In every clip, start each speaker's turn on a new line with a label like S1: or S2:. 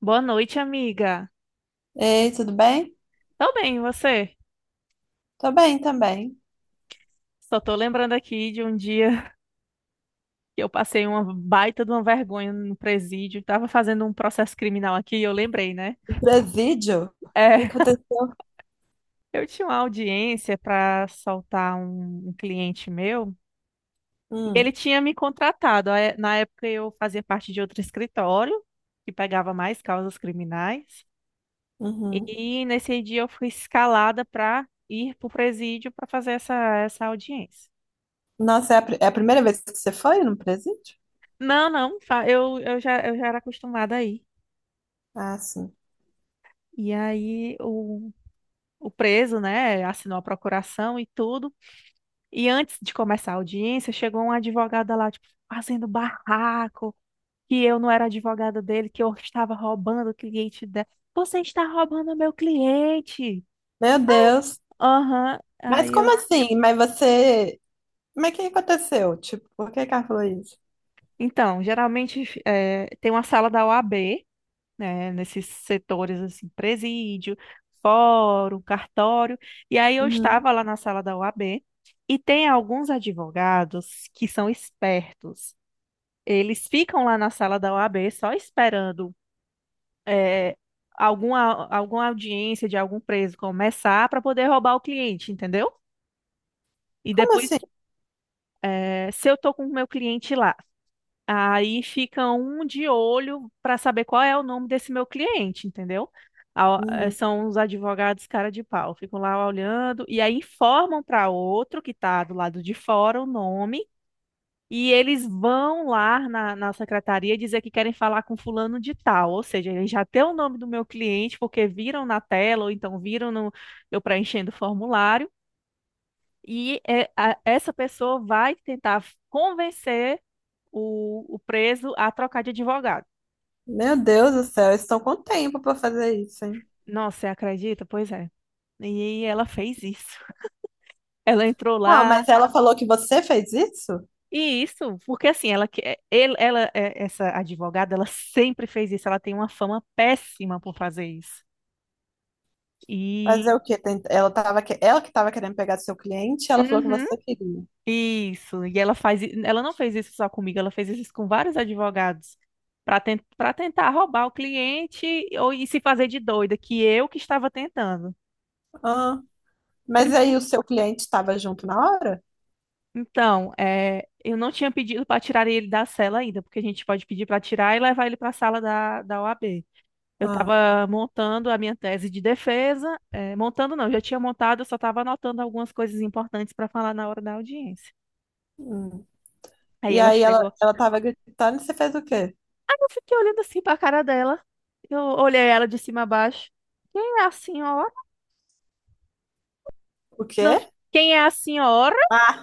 S1: Boa noite, amiga.
S2: Ei, tudo bem?
S1: Tô bem, e você?
S2: Tô bem também.
S1: Só tô lembrando aqui de um dia que eu passei uma baita de uma vergonha no presídio. Tava fazendo um processo criminal aqui e eu lembrei, né?
S2: O presídio? O
S1: É,
S2: que aconteceu?
S1: eu tinha uma audiência para soltar um cliente meu e ele
S2: Hum,
S1: tinha me contratado. Aí, na época eu fazia parte de outro escritório que pegava mais causas criminais
S2: uhum.
S1: e nesse dia eu fui escalada para ir pro presídio para fazer essa audiência.
S2: Nossa, é a primeira vez que você foi no presídio?
S1: Não, não, eu já era acostumada aí.
S2: Ah, sim.
S1: E aí o preso, né, assinou a procuração e tudo. E antes de começar a audiência, chegou uma advogada lá, tipo, fazendo barraco, que eu não era advogada dele, que eu estava roubando o cliente dela. Você está roubando meu cliente!
S2: Meu Deus.
S1: Aham.
S2: Mas
S1: Aí
S2: como
S1: eu.
S2: assim? Mas você. Mas o que aconteceu? Tipo, por que que ela falou isso?
S1: Então, geralmente tem uma sala da OAB, né, nesses setores assim, presídio, fórum, cartório. E aí eu
S2: Uhum.
S1: estava lá na sala da OAB, e tem alguns advogados que são espertos. Eles ficam lá na sala da OAB só esperando é, alguma audiência de algum preso começar para poder roubar o cliente, entendeu? E
S2: Como
S1: depois,
S2: assim?
S1: é, se eu estou com o meu cliente lá, aí fica um de olho para saber qual é o nome desse meu cliente, entendeu? A-
S2: Uhum.
S1: São os advogados cara de pau, ficam lá olhando e aí informam para outro que está do lado de fora o nome, e eles vão lá na secretaria dizer que querem falar com fulano de tal, ou seja, eles já têm o nome do meu cliente porque viram na tela ou então viram no, eu preenchendo o formulário, e essa pessoa vai tentar convencer o preso a trocar de advogado.
S2: Meu Deus do céu, eles estão com tempo pra fazer isso, hein?
S1: Nossa, você acredita? Pois é. E ela fez isso. Ela entrou
S2: Não, mas
S1: lá.
S2: ela falou que você fez isso?
S1: E isso, porque assim, ela, que- é, ele- ela, é, essa advogada, ela sempre fez isso. Ela tem uma fama péssima por fazer isso. E.
S2: Fazer o quê? Ela tava que... ela que tava querendo pegar seu cliente, ela falou que
S1: Uhum,
S2: você queria.
S1: isso. E ela faz. Ela não fez isso só comigo, ela fez isso com vários advogados. Para tentar roubar o cliente ou e se fazer de doida, que eu que estava tentando.
S2: Ah. Mas aí o seu cliente estava junto na hora?
S1: Então, é, eu não tinha pedido para tirar ele da cela ainda, porque a gente pode pedir para tirar e levar ele para a sala da OAB. Eu
S2: Ah,
S1: estava montando a minha tese de defesa, é, montando não, já tinha montado, eu só estava anotando algumas coisas importantes para falar na hora da audiência.
S2: hum.
S1: Aí
S2: E
S1: ela
S2: aí ela,
S1: chegou,
S2: ela tava gritando e você fez o quê?
S1: aí eu fiquei olhando assim para a cara dela, eu olhei ela de cima a baixo. Quem é a senhora?
S2: O
S1: Não,
S2: quê?
S1: quem é a senhora?
S2: Ah,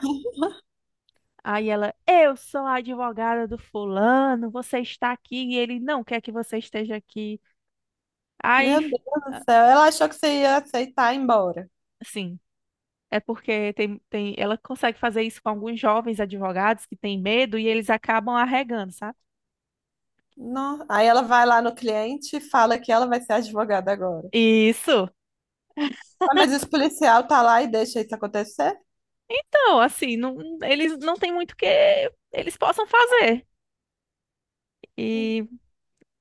S1: Aí ela, eu sou a advogada do fulano, você está aqui e ele não quer que você esteja aqui. Aí,
S2: meu Deus do
S1: ah,
S2: céu. Ela achou que você ia aceitar ir embora.
S1: sim, é porque tem, ela consegue fazer isso com alguns jovens advogados que têm medo e eles acabam arregando, sabe?
S2: Não. Aí ela vai lá no cliente e fala que ela vai ser advogada agora.
S1: Isso.
S2: Ah, mas esse policial tá lá e deixa isso acontecer?
S1: Então, assim, não, eles não têm muito o que eles possam fazer. E,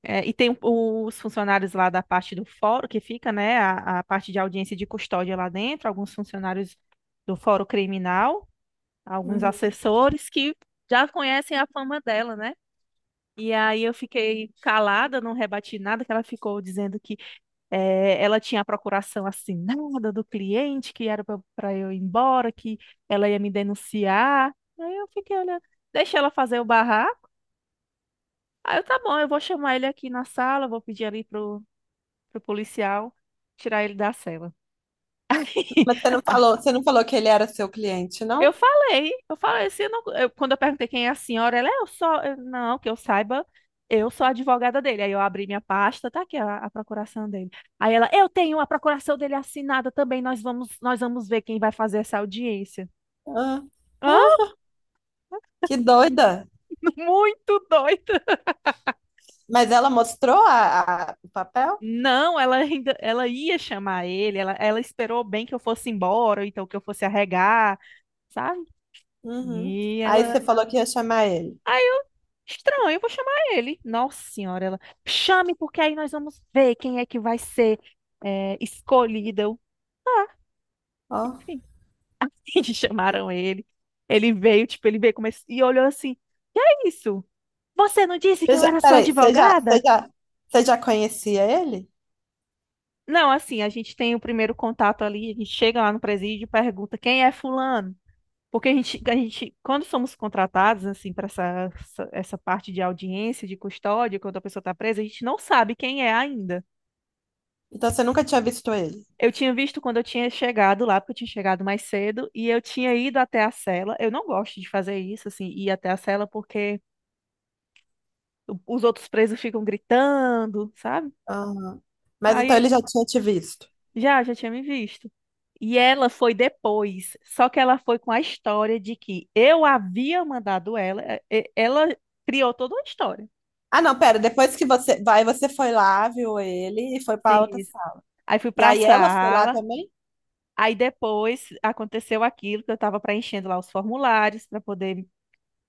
S1: é, e tem os funcionários lá da parte do fórum que fica, né, a parte de audiência e de custódia lá dentro, alguns funcionários do fórum criminal, alguns
S2: Uhum.
S1: assessores que já conhecem a fama dela, né? E aí eu fiquei calada, não rebati nada, que ela ficou dizendo que ela tinha a procuração assinada do cliente, que era para eu ir embora, que ela ia me denunciar. Aí eu fiquei olhando, deixa ela fazer o barraco. Aí eu, tá bom, eu vou chamar ele aqui na sala, vou pedir ali pro policial tirar ele da cela.
S2: Mas você não falou que ele era seu cliente, não?
S1: Eu falei, se eu não- eu- quando eu perguntei quem é a senhora, ela, não, que eu saiba, eu sou a advogada dele. Aí eu abri minha pasta, tá aqui a procuração dele. Aí ela, eu tenho a procuração dele assinada também, nós vamos ver quem vai fazer essa audiência.
S2: Ah,
S1: Hã?
S2: ah, que doida.
S1: Muito doida.
S2: Mas ela mostrou o papel?
S1: Não, ela ainda, ela ia chamar ele, ela esperou bem que eu fosse embora, ou então que eu fosse arregar, sabe?
S2: Uhum.
S1: E
S2: Aí
S1: ela.
S2: você falou que ia chamar ele.
S1: Aí eu, estranho, eu vou chamar ele. Nossa senhora, ela, chame porque aí nós vamos ver quem é que vai ser é, escolhida. Eu, ah,
S2: Ó.
S1: enfim, chamaram ele. Ele veio, tipo, ele veio começou, e olhou assim, que é isso? Você não disse que eu era sua
S2: Peraí,
S1: advogada?
S2: você já conhecia ele?
S1: Não, assim, a gente tem o primeiro contato ali, a gente chega lá no presídio e pergunta quem é fulano? Porque a gente, quando somos contratados, assim, para essa parte de audiência, de custódia, quando a pessoa está presa, a gente não sabe quem é ainda.
S2: Então você nunca tinha visto ele?
S1: Eu tinha visto quando eu tinha chegado lá, porque eu tinha chegado mais cedo, e eu tinha ido até a cela. Eu não gosto de fazer isso, assim, ir até a cela, porque os outros presos ficam gritando, sabe?
S2: Ah, mas então
S1: Aí
S2: ele já tinha te visto.
S1: já, já tinha me visto. E ela foi depois, só que ela foi com a história de que eu havia mandado ela, ela criou toda uma história.
S2: Ah, não, pera, depois que você vai, você foi lá, viu ele e foi
S1: Sim,
S2: pra outra
S1: isso.
S2: sala.
S1: Aí fui
S2: E
S1: para a
S2: aí ela foi lá
S1: sala,
S2: também?
S1: aí depois aconteceu aquilo que eu tava preenchendo lá os formulários para poder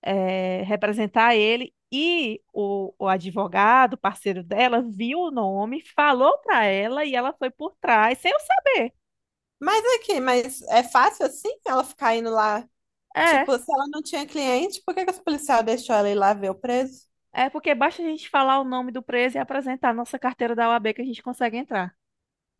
S1: representar ele. E o advogado, parceiro dela, viu o nome, falou para ela e ela foi por trás, sem eu saber.
S2: Mas aqui, mas é fácil assim ela ficar indo lá?
S1: É,
S2: Tipo, se ela não tinha cliente, por que que os policiais deixou ela ir lá ver o preso?
S1: é porque basta a gente falar o nome do preso e apresentar a nossa carteira da OAB que a gente consegue entrar.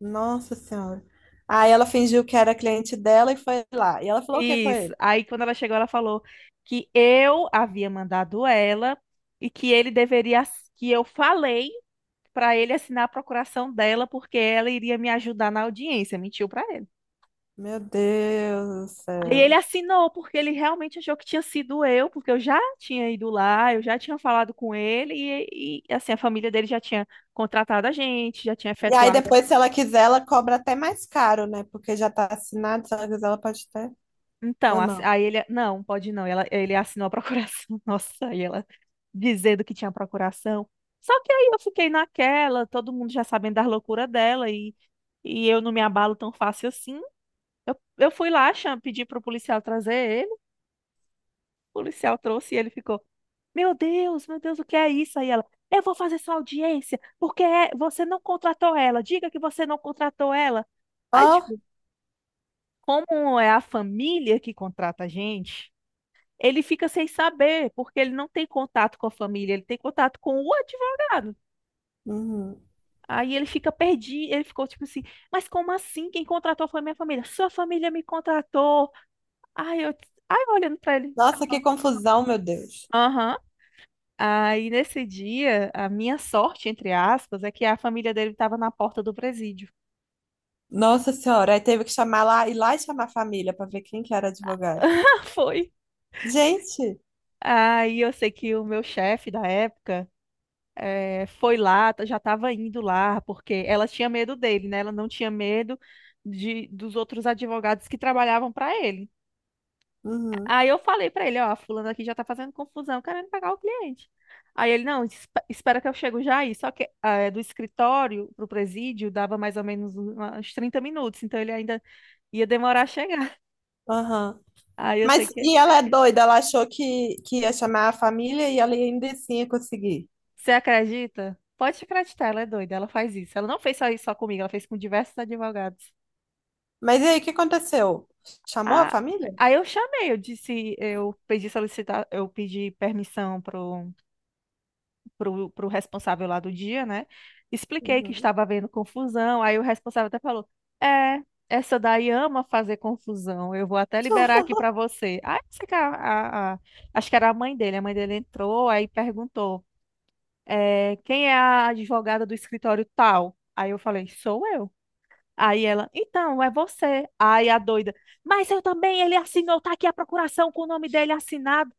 S2: Nossa Senhora. Aí ela fingiu que era cliente dela e foi lá. E ela falou o que com
S1: Isso.
S2: ele?
S1: Aí quando ela chegou, ela falou que eu havia mandado ela e que ele deveria, que eu falei para ele assinar a procuração dela porque ela iria me ajudar na audiência. Mentiu para ele.
S2: Meu Deus do
S1: E ele
S2: céu.
S1: assinou, porque ele realmente achou que tinha sido eu, porque eu já tinha ido lá, eu já tinha falado com ele, assim, a família dele já tinha contratado a gente, já tinha
S2: E aí
S1: efetuado.
S2: depois, se ela quiser, ela cobra até mais caro, né? Porque já tá assinado, se ela quiser, ela pode ter,
S1: Então,
S2: ou não.
S1: aí ele, não, pode não, ela, ele assinou a procuração, nossa, aí ela dizendo que tinha procuração. Só que aí eu fiquei naquela, todo mundo já sabendo das loucuras dela, e eu não me abalo tão fácil assim. Eu fui lá, pedi pro policial trazer ele, o policial trouxe e ele ficou. Meu Deus, o que é isso? Aí ela, eu vou fazer sua audiência, você não contratou ela. Diga que você não contratou ela. Aí,
S2: Ó,
S1: tipo, como é a família que contrata a gente, ele fica sem saber, porque ele não tem contato com a família, ele tem contato com o advogado.
S2: uhum.
S1: Aí ele fica perdido, ele ficou tipo assim, mas como assim? Quem contratou foi minha família. Sua família me contratou. Aí eu, aí eu olhando pra ele.
S2: Nossa, que confusão, meu Deus.
S1: Aham. Aí nesse dia, a minha sorte, entre aspas, é que a família dele estava na porta do presídio.
S2: Nossa Senhora, aí teve que chamar lá, ir lá e chamar a família pra ver quem que era advogado.
S1: Foi.
S2: Gente,
S1: Aí eu sei que o meu chefe da época foi lá, já estava indo lá, porque ela tinha medo dele, né? Ela não tinha medo dos outros advogados que trabalhavam para ele.
S2: uhum,
S1: Aí eu falei para ele, ó, a fulana aqui já tá fazendo confusão, querendo pagar o cliente. Aí ele, não, espera que eu chego já aí. Só que do escritório pro presídio dava mais ou menos uns 30 minutos, então ele ainda ia demorar a chegar.
S2: aham.
S1: Aí eu sei
S2: Mas,
S1: que.
S2: e ela é doida, ela achou que ia chamar a família e ela ainda assim ia conseguir.
S1: Você acredita? Pode acreditar, ela é doida, ela faz isso. Ela não fez só isso só comigo, ela fez com diversos advogados.
S2: Mas e aí, o que aconteceu? Chamou a
S1: Ah,
S2: família?
S1: aí eu chamei, eu disse, eu pedi solicitar, eu pedi permissão pro responsável lá do dia, né? Expliquei que
S2: Uhum.
S1: estava havendo confusão, aí o responsável até falou: é, essa daí ama fazer confusão, eu vou até liberar aqui para você. Aí sei que acho que era a mãe dele entrou, aí perguntou. É, quem é a advogada do escritório tal? Aí eu falei, sou eu. Aí ela, então, é você. Aí a doida, mas eu também, ele assinou, tá aqui a procuração com o nome dele assinado.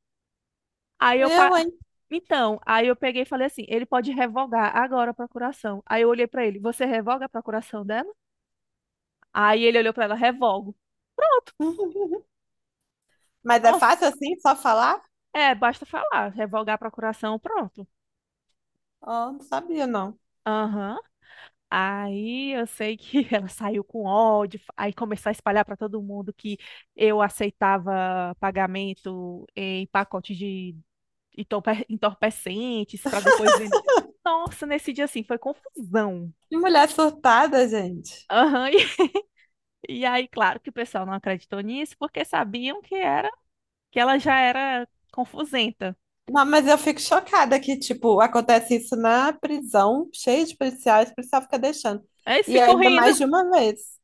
S1: Aí eu,
S2: Eu,
S1: pa-
S2: hein?
S1: então, aí eu peguei e falei assim, ele pode revogar agora a procuração. Aí eu olhei pra ele, você revoga a procuração dela? Aí ele olhou pra ela, revogo.
S2: Mas é
S1: Nossa,
S2: fácil assim, só falar?
S1: é, basta falar, revogar a procuração, pronto.
S2: Ó, não sabia, não.
S1: Aham. Aí eu sei que ela saiu com ódio, aí começou a espalhar para todo mundo que eu aceitava pagamento em pacotes de entorpecentes para depois vender. Nossa, nesse dia assim foi confusão.
S2: Que mulher surtada, gente.
S1: Aham, e, e aí, claro que o pessoal não acreditou nisso porque sabiam que era que ela já era confusenta.
S2: Não, mas eu fico chocada que, tipo, acontece isso na prisão, cheio de policiais, o policial fica deixando.
S1: Aí eles
S2: E
S1: ficam
S2: ainda
S1: rindo.
S2: mais de uma vez.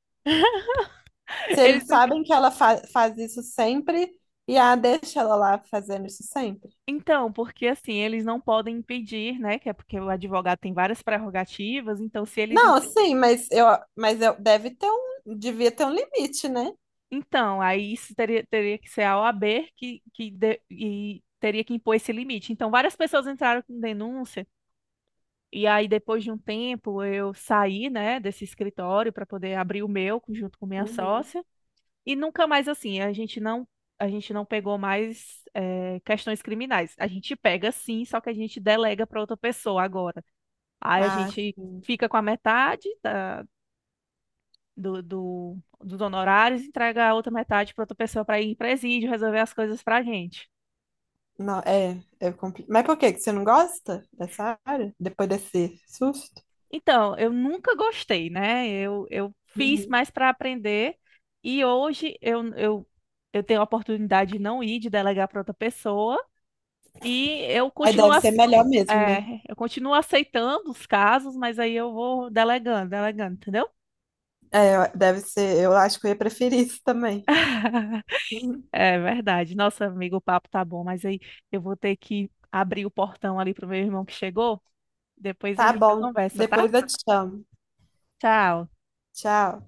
S2: Se
S1: Eles...
S2: eles sabem que ela faz isso sempre, e a deixa ela lá fazendo isso sempre.
S1: Então, porque assim, eles não podem impedir, né? Que é porque o advogado tem várias prerrogativas, então se eles...
S2: Não, sim, mas eu deve ter um, devia ter um limite, né?
S1: Então, aí isso teria, teria que ser a OAB que de- e teria que impor esse limite. Então, várias pessoas entraram com denúncia, e aí depois de um tempo eu saí, né, desse escritório para poder abrir o meu junto com minha
S2: Uhum.
S1: sócia, e nunca mais assim, a gente não pegou mais questões criminais. A gente pega sim, só que a gente delega para outra pessoa agora. Aí a
S2: Ah,
S1: gente
S2: sim.
S1: fica com a metade dos honorários, entrega a outra metade para outra pessoa para ir em presídio, resolver as coisas para a gente.
S2: Não, é, é compli... Mas por que que você não gosta dessa área? Depois desse susto?
S1: Então, eu nunca gostei, né? Eu fiz
S2: Uhum.
S1: mais para aprender e hoje eu tenho a oportunidade de não ir, de delegar para outra pessoa e eu
S2: Aí
S1: continuo,
S2: deve ser
S1: ace-
S2: melhor mesmo,
S1: é,
S2: né?
S1: eu continuo aceitando os casos, mas aí eu vou delegando, delegando, entendeu?
S2: É, deve ser. Eu acho que eu ia preferir isso também. Uhum.
S1: É verdade. Nossa, amigo, o papo tá bom, mas aí eu vou ter que abrir o portão ali pro meu irmão que chegou. Depois a
S2: Tá
S1: gente
S2: bom.
S1: conversa, tá?
S2: Depois eu te chamo.
S1: Tchau.
S2: Tchau.